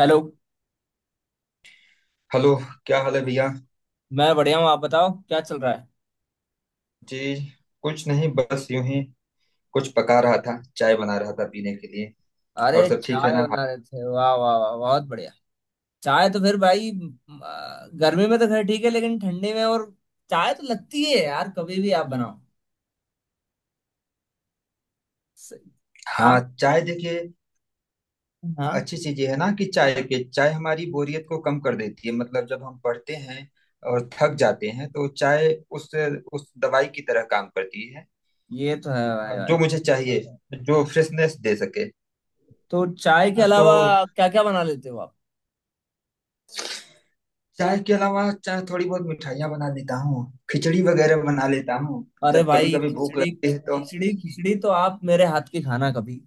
Hello. Hello. क्या हाल है भैया? मैं बढ़िया हूँ, आप बताओ क्या चल रहा है। जी। कुछ नहीं, बस यूं ही। कुछ पका रहा था, चाय बना रहा था पीने के लिए। और अरे सब ठीक है चाय ना? हाँ। बना रहे थे, वाह वाह वाह, बहुत बढ़िया। चाय तो फिर भाई गर्मी में तो खैर ठीक है, लेकिन ठंडी में और चाय तो लगती है यार, कभी भी आप बनाओ। स- हाँ, आप। चाय देखिए। हाँ। अच्छी चीज ये है ना कि चाय पे चाय हमारी बोरियत को कम कर देती है, मतलब जब हम पढ़ते हैं और थक जाते हैं तो चाय उस दवाई की तरह काम करती है। ये तो है भाई भाई। जो मुझे चाहिए, जो फ्रेशनेस दे सके। तो चाय के तो अलावा क्या क्या बना लेते हो आप। चाय के अलावा, चाय थोड़ी बहुत मिठाइयाँ बना लेता हूँ, खिचड़ी वगैरह बना लेता हूँ अरे जब कभी भाई कभी भूख खिचड़ी लगती है तो। खिचड़ी खिचड़ी तो आप मेरे हाथ की खाना कभी।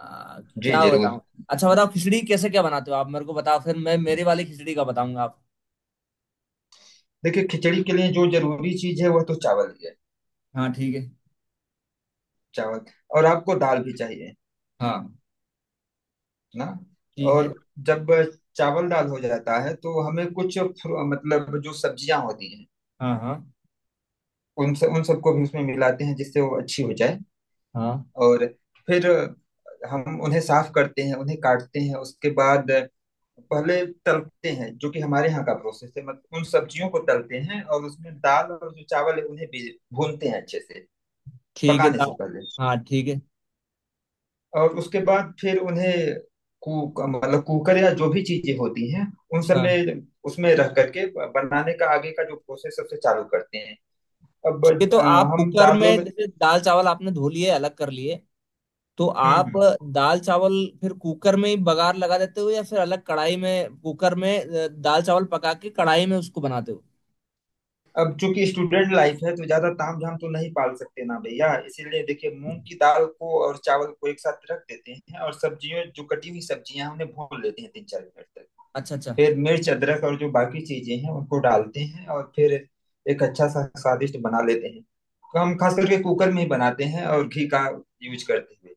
जी क्या जरूर। बताऊं। अच्छा बताओ खिचड़ी कैसे क्या बनाते हो आप, मेरे को बताओ, फिर मैं मेरी वाली खिचड़ी का बताऊंगा आप। देखिए, खिचड़ी के लिए जो जरूरी चीज है वह तो चावल ही है। हाँ ठीक है। चावल और आपको दाल भी चाहिए हाँ ना। ठीक और है। जब चावल दाल हो जाता है तो हमें कुछ मतलब जो सब्जियां होती हैं, हाँ हाँ। उन सब उन सबको भी उसमें मिलाते हैं जिससे वो अच्छी हो जाए। हाँ और फिर हम उन्हें साफ करते हैं, उन्हें काटते हैं, उसके बाद पहले तलते हैं, जो कि हमारे यहाँ का प्रोसेस है, मतलब उन सब्जियों को तलते हैं और उसमें दाल और जो चावल है उन्हें भी भूनते हैं अच्छे से ठीक है, पकाने से दाल। पहले। हाँ ठीक है। और उसके बाद फिर उन्हें कुक, मतलब कुकर या जो भी चीजें होती हैं उन सब हाँ में, उसमें रख करके बनाने का आगे का जो प्रोसेस सबसे चालू करते हैं। अब ठीक है तो आप हम कुकर में दालों में, जैसे दाल चावल आपने धो लिए अलग कर लिए तो आप हम्म। दाल चावल फिर कुकर में ही बघार लगा देते हो या फिर अलग कढ़ाई में कुकर में दाल चावल पका के कढ़ाई में उसको बनाते हो। अब चूंकि स्टूडेंट लाइफ है तो ज्यादा ताम झाम तो नहीं पाल सकते ना भैया, इसीलिए देखिए मूंग की दाल को और चावल को एक साथ रख देते हैं और सब्जियों, जो कटी हुई सब्जियां हैं, उन्हें भून लेते हैं तीन चार मिनट तक। अच्छा अच्छा, फिर मिर्च अदरक और जो बाकी चीजें हैं उनको डालते हैं और फिर एक अच्छा सा स्वादिष्ट बना लेते हैं। तो हम खास करके कुकर में ही बनाते हैं और घी का यूज करते हुए।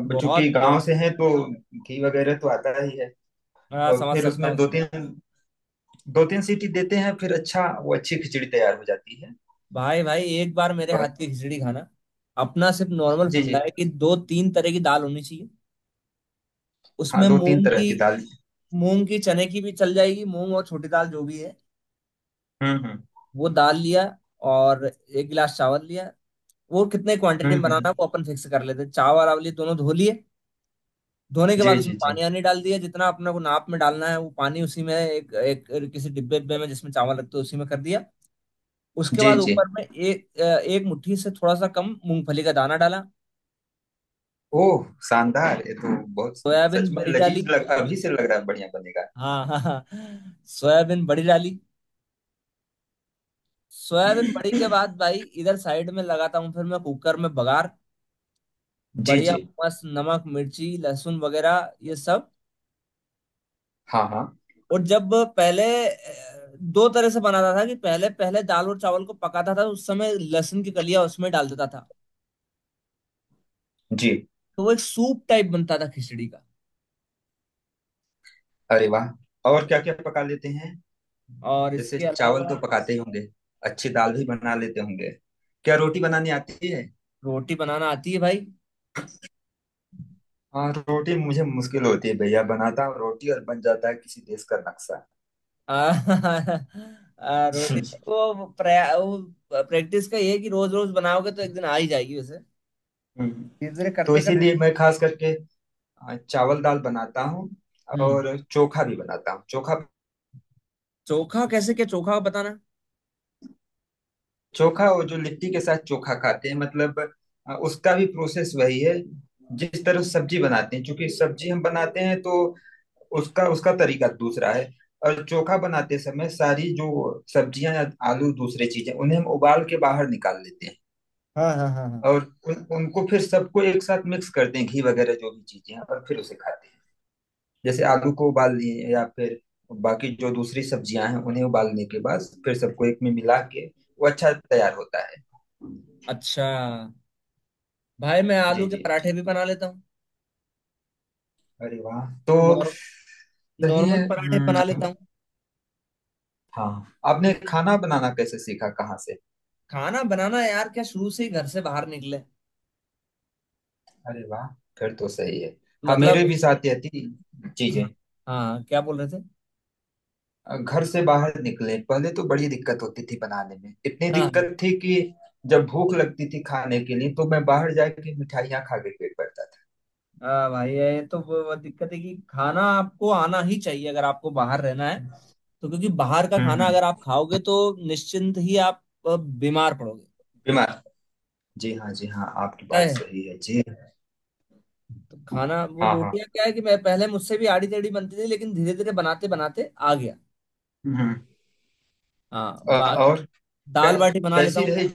अब बहुत चूंकि बढ़िया गांव से बात हैं तो घी वगैरह तो आता ही है। है। हाँ और समझ फिर सकता उसमें हूँ, दो तीन दो तीन सीटी देते हैं फिर अच्छा, वो अच्छी खिचड़ी तैयार हो जाती है। भाई भाई एक बार मेरे और हाथ की खिचड़ी खाना। अपना सिर्फ नॉर्मल जी जी। फंडा है कि दो तीन तरह की दाल होनी चाहिए। हाँ, उसमें दो तीन मूंग तरह की, की दाल। मूंग की चने की भी चल जाएगी, मूंग और छोटी दाल जो भी है, हम्म हम्म वो दाल लिया और एक गिलास चावल लिया। वो कितने हम्म क्वांटिटी में हम्म बनाना हम्म। है वो अपन फिक्स कर लेते हैं। चावल आवली दोनों धो लिए। धोने के जी बाद उसमें जी जी पानी आनी डाल दिया जितना अपने को नाप में डालना है, वो पानी उसी में एक एक किसी डिब्बे डिब्बे में जिसमें चावल रखते हैं उसी में कर दिया। उसके जी बाद जी। ऊपर में एक एक मुट्ठी से थोड़ा सा कम मूंगफली का दाना डाला। ओह शानदार, ये तो बहुत। सोयाबीन सच में बड़ी डाली। लजीज, लग अभी से लग रहा है बढ़िया हाँ हाँ हाँ, सोयाबीन बड़ी डाली। सोयाबीन बड़ी के बनेगा। बाद भाई इधर साइड में लगाता हूँ, फिर मैं कुकर में बघार। जी बढ़िया जी। मस्त, नमक मिर्ची लहसुन वगैरह ये सब। हाँ हाँ और जब पहले दो तरह से बनाता था कि पहले पहले दाल और चावल को पकाता था तो उस समय लहसुन की कलियां उसमें डाल देता था। जी। तो वो एक सूप टाइप बनता था खिचड़ी का। अरे वाह, और क्या क्या पका लेते हैं? और जैसे इसके चावल तो अलावा पकाते ही होंगे, अच्छी दाल भी बना लेते होंगे, क्या रोटी बनानी आती है? रोटी बनाना आती है भाई। हाँ, रोटी मुझे मुश्किल होती है भैया। बनाता हूँ रोटी और बन जाता है किसी देश का नक्शा। आ, रोटी, वो प्रैक्टिस का ये है कि रोज रोज बनाओगे तो एक दिन आ ही जाएगी वैसे, हम्म। धीरे धीरे तो करते करते। इसीलिए मैं खास करके चावल दाल बनाता हूँ। हम्म। और चोखा भी बनाता हूँ, चोखा। चोखा कैसे, क्या चोखा बताना। चोखा वो जो लिट्टी के साथ चोखा खाते हैं, मतलब उसका भी प्रोसेस वही है जिस तरह सब्जी बनाते हैं। क्योंकि सब्जी हम बनाते हैं तो उसका उसका तरीका दूसरा है। और चोखा बनाते समय सारी जो सब्जियां या आलू दूसरी चीजें, उन्हें हम उबाल के बाहर निकाल लेते हैं। हाँ हाँ हाँ हाँ। और उनको फिर सबको एक साथ मिक्स करते हैं, घी वगैरह जो भी चीजें हैं, और फिर उसे खाते हैं। जैसे आलू को उबाल लिए या फिर बाकी जो दूसरी सब्जियां हैं उन्हें उबालने के बाद फिर सबको एक में मिला के वो अच्छा तैयार होता है। अच्छा। भाई मैं जी आलू के जी। पराठे भी बना लेता हूँ। अरे वाह। तो नॉर्म सही है। नॉर्मल पराठे बना हम्म। लेता हूँ। हाँ, आपने खाना बनाना कैसे सीखा, कहाँ से? खाना बनाना यार क्या, शुरू से ही घर से बाहर निकले। अरे वाह, फिर तो सही है। हाँ, मेरे मतलब। भी साथ यह थी। जी हाँ। जी। हाँ क्या बोल रहे थे। घर से बाहर निकले पहले तो बड़ी दिक्कत होती थी बनाने में, इतनी हाँ दिक्कत थी कि जब भूख लगती थी खाने के लिए तो मैं बाहर जाके मिठाइयाँ खा के पेट भरता था। हाँ भाई ये तो वो दिक्कत है कि खाना आपको आना ही चाहिए अगर आपको बाहर रहना है, तो क्योंकि बाहर का खाना हम्म। अगर आप खाओगे तो निश्चिंत ही आप बीमार पड़ोगे, बीमार, जी हाँ जी हाँ, आपकी तय बात है। सही है जी। तो खाना वो हाँ हाँ। रोटियां क्या है कि मैं पहले मुझसे भी आड़ी टेढ़ी बनती थी लेकिन धीरे धीरे बनाते बनाते आ गया। हम्म। हाँ बा- और कै, दाल बाटी बना लेता कैसी हूँ। रही?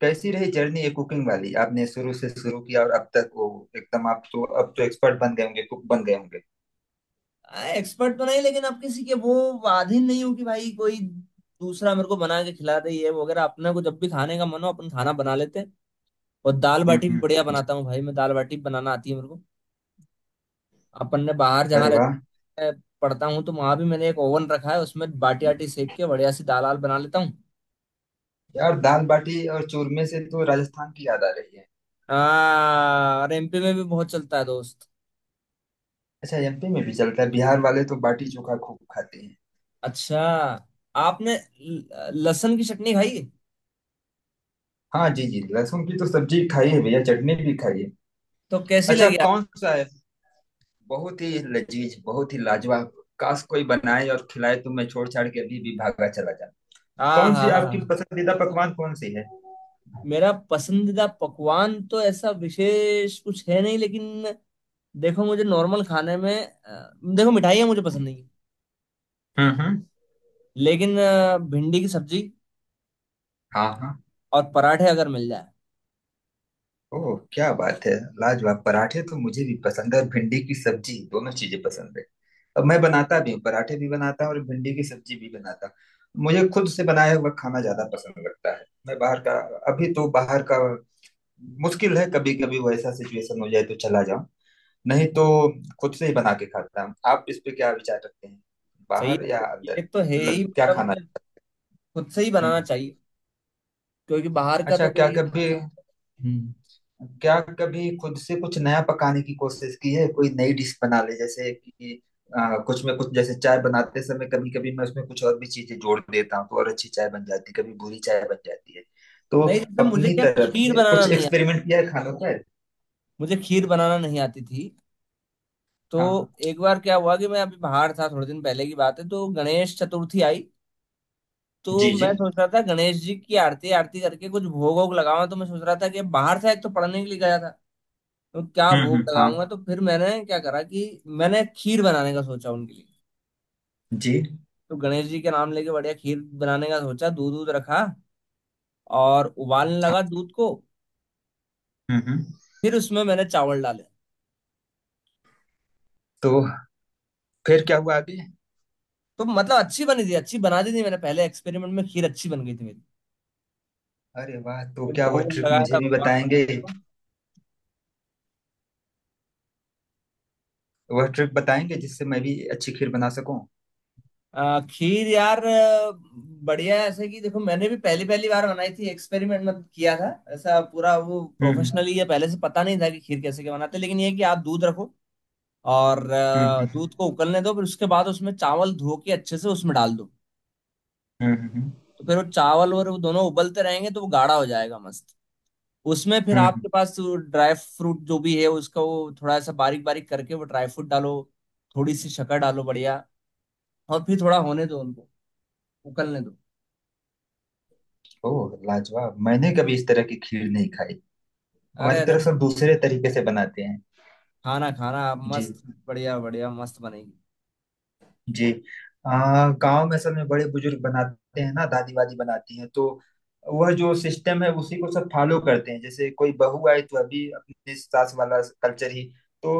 कैसी रही जर्नी ये कुकिंग वाली, आपने शुरू से शुरू किया और अब तक वो एकदम, आप तो अब तो एक्सपर्ट बन गए होंगे, कुक बन गए होंगे। एक्सपर्ट तो नहीं, लेकिन आप किसी के वो अधीन नहीं हो कि भाई कोई दूसरा मेरे को बना के खिला दे ये वगैरह, अपने को जब भी खाने का मन हो अपन खाना बना लेते हैं। और दाल बाटी भी बढ़िया जी। बनाता हूँ भाई मैं, दाल बाटी बनाना आती है मेरे को। अपन ने बाहर जहाँ अरे रहते वाह। मैं पढ़ता हूँ तो वहां भी मैंने एक ओवन रखा है, उसमें बाटी आटी सेक के बढ़िया सी दाल आल बना लेता हूँ। यार दाल बाटी और चूरमे से तो राजस्थान की याद आ रही है। हाँ और एमपी में भी बहुत चलता है दोस्त। अच्छा, एमपी में भी चलता है। बिहार वाले तो बाटी चोखा खूब खाते हैं। अच्छा, आपने लहसुन की चटनी खाई, हाँ जी जी, लहसुन की तो सब्जी खाई है भैया, चटनी भी खाई है। तो कैसी अच्छा लगी आप। कौन सा है? बहुत ही लजीज, बहुत ही लाजवाब। काश कोई बनाए और खिलाए तो मैं छोड़ छाड़ के अभी भी भागा चला जाता। हाँ कौन सी हाँ हाँ आपकी हाँ। पसंदीदा पकवान कौन सी है? मेरा पसंदीदा पकवान तो ऐसा विशेष कुछ है नहीं लेकिन देखो मुझे नॉर्मल खाने में देखो मिठाइयाँ मुझे पसंद नहीं है, हम्म हम्म। लेकिन भिंडी की सब्जी हाँ हाँ। और पराठे अगर मिल जाए। ओह क्या बात है, लाजवाब। पराठे तो मुझे भी पसंद है और भिंडी की सब्जी, दोनों चीजें पसंद है। अब मैं बनाता भी हूँ, पराठे भी बनाता हूँ और भिंडी की सब्जी भी बनाता हूँ। मुझे खुद से बनाया हुआ खाना ज्यादा पसंद लगता है। मैं बाहर का, अभी तो बाहर का मुश्किल है। कभी कभी वैसा सिचुएशन हो जाए तो चला जाऊं, नहीं तो खुद से ही बना के खाता हूँ। आप इस पे क्या विचार रखते हैं, सही बाहर या है। ये अंदर? तो है ही, मतलब क्या मतलब खाना। मुझे खुद से ही हम्म। बनाना चाहिए, क्योंकि बाहर का अच्छा, तो कोई। हम्म। क्या कभी खुद से कुछ नया पकाने की कोशिश की है? कोई नई डिश बना ले, जैसे कि कुछ में कुछ, जैसे चाय बनाते समय कभी कभी मैं उसमें कुछ और भी चीजें जोड़ देता हूँ तो और अच्छी चाय बन जाती है, कभी बुरी चाय बन जाती है। तो नहीं जैसे मुझे अपनी क्या, तरफ खीर से बनाना कुछ नहीं आता, एक्सपेरिमेंट किया है खानों पर? मुझे खीर बनाना नहीं आती थी। तो हाँ हाँ। एक बार क्या हुआ कि मैं अभी बाहर था थोड़े दिन पहले की बात है, तो गणेश चतुर्थी आई, तो जी मैं जी। सोच रहा था गणेश जी की आरती आरती करके कुछ भोग वोग लगाऊं, तो मैं सोच रहा था कि बाहर से एक तो पढ़ने के लिए गया था तो क्या भोग हम्म। हाँ। लगाऊंगा, तो फिर मैंने क्या करा कि मैंने खीर बनाने का सोचा उनके लिए। जी तो गणेश जी के नाम लेके बढ़िया खीर बनाने का सोचा, दूध दूध रखा और उबालने हाँ। लगा दूध को। हम्म। फिर उसमें मैंने चावल डाले। तो फिर क्या हुआ आगे? तो मतलब अच्छी बनी थी, अच्छी बना दी थी मैंने, पहले एक्सपेरिमेंट में खीर अच्छी बन गई थी मेरी। अरे वाह, तो फिर क्या वह भोग ट्रिक लगाया था मुझे भी भगवान गणेश बताएंगे? जी को। वह ट्रिक बताएंगे जिससे मैं भी अच्छी खीर बना सकूं। खीर यार, बढ़िया है ऐसे कि, देखो मैंने भी पहली पहली बार बनाई थी, एक्सपेरिमेंट मत किया था ऐसा, पूरा वो हम्म प्रोफेशनली या पहले से पता नहीं था कि खीर कैसे के बनाते, लेकिन ये है कि आप दूध रखो और हम्म हम्म दूध को उबलने दो, फिर उसके बाद उसमें चावल धो के अच्छे से उसमें डाल दो। हम्म हम्म हम्म तो फिर वो चावल और वो दोनों उबलते रहेंगे तो वो गाढ़ा हो जाएगा मस्त। उसमें फिर हम्म, हम्म। आपके पास ड्राई फ्रूट जो भी है उसका वो थोड़ा सा बारीक बारीक करके वो ड्राई फ्रूट डालो, थोड़ी सी शक्कर डालो बढ़िया, और फिर थोड़ा होने दो उनको, उबलने दो। ओह लाजवाब, मैंने कभी इस तरह की खीर नहीं खाई। अरे हमारी अरे, तरफ से दूसरे तरीके से बनाते हैं। खाना खाना आप, जी मस्त बढ़िया बढ़िया मस्त बनेगी। जी। गांव में सब में बड़े बुजुर्ग बनाते हैं ना, दादी वादी बनाती हैं तो वह जो सिस्टम है उसी को सब फॉलो करते हैं। जैसे कोई बहू आई तो अभी अपने सास वाला कल्चर ही। तो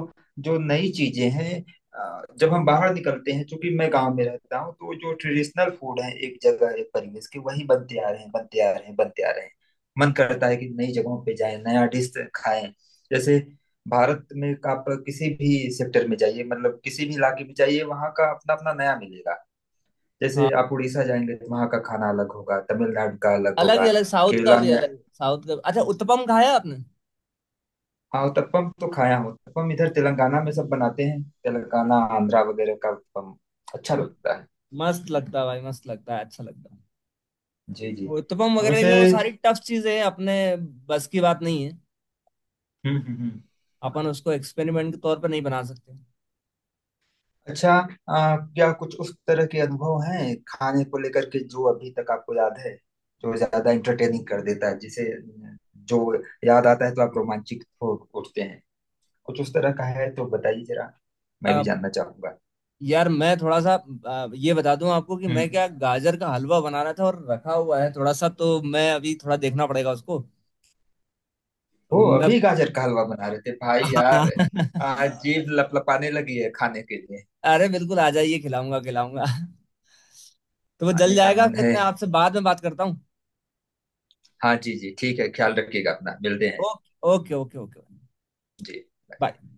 जो नई चीजें हैं, जब हम बाहर निकलते हैं, चूंकि मैं गांव में रहता हूँ तो जो ट्रेडिशनल फूड है एक जगह एक परिवेश के, वही बनते आ रहे हैं बनते आ रहे हैं बनते आ रहे हैं। मन करता है कि नई जगहों पे जाएं, नया डिश खाएं। जैसे भारत में आप किसी भी सेक्टर में जाइए, मतलब किसी भी इलाके में जाइए, वहाँ का अपना अपना नया मिलेगा। हाँ जैसे आप उड़ीसा जाएंगे तो वहाँ का खाना अलग होगा, तमिलनाडु का अलग अलग ही होगा। अलग, साउथ का केरला भी में, अलग, साउथ का अच्छा उत्तपम खाया आपने। हाँ उत्तपम तो खाया हूँ। उत्तपम इधर तेलंगाना में सब बनाते हैं, तेलंगाना आंध्रा वगैरह का उत्तपम अच्छा म- लगता है। मस्त लगता है भाई, मस्त लगता है, अच्छा लगता है जी जी। वो उत्तपम वगैरह, वैसे, लेकिन वो सारी टफ चीजें हैं, अपने बस की बात नहीं है, हम्म हम्म अपन उसको हम्म। एक्सपेरिमेंट के तौर पर नहीं बना सकते। अच्छा, क्या कुछ उस तरह के अनुभव हैं खाने को लेकर के जो अभी तक आपको याद है, जो ज्यादा इंटरटेनिंग कर देता है, जिसे, जो याद आता है तो आप रोमांचित हो उठते हैं? कुछ उस तरह का है तो बताइए जरा, मैं भी अब जानना चाहूंगा। यार मैं थोड़ा सा ये बता दूं आपको कि हम्म। मैं क्या गाजर का हलवा बना रहा था और रखा हुआ है थोड़ा सा, तो मैं अभी थोड़ा देखना पड़ेगा उसको। वो मैं अभी गाजर का हलवा बना रहे थे भाई हाँ। यार। जीभ लपलपाने लगी है खाने के लिए। अरे बिल्कुल आ जाइए, खिलाऊंगा खिलाऊंगा। तो वो जल आने का जाएगा, मन फिर है। मैं आपसे बाद में बात करता हूँ। हाँ जी जी, ठीक है, ख्याल रखिएगा अपना, मिलते हैं। Okay okay okay okay. जी। बाय।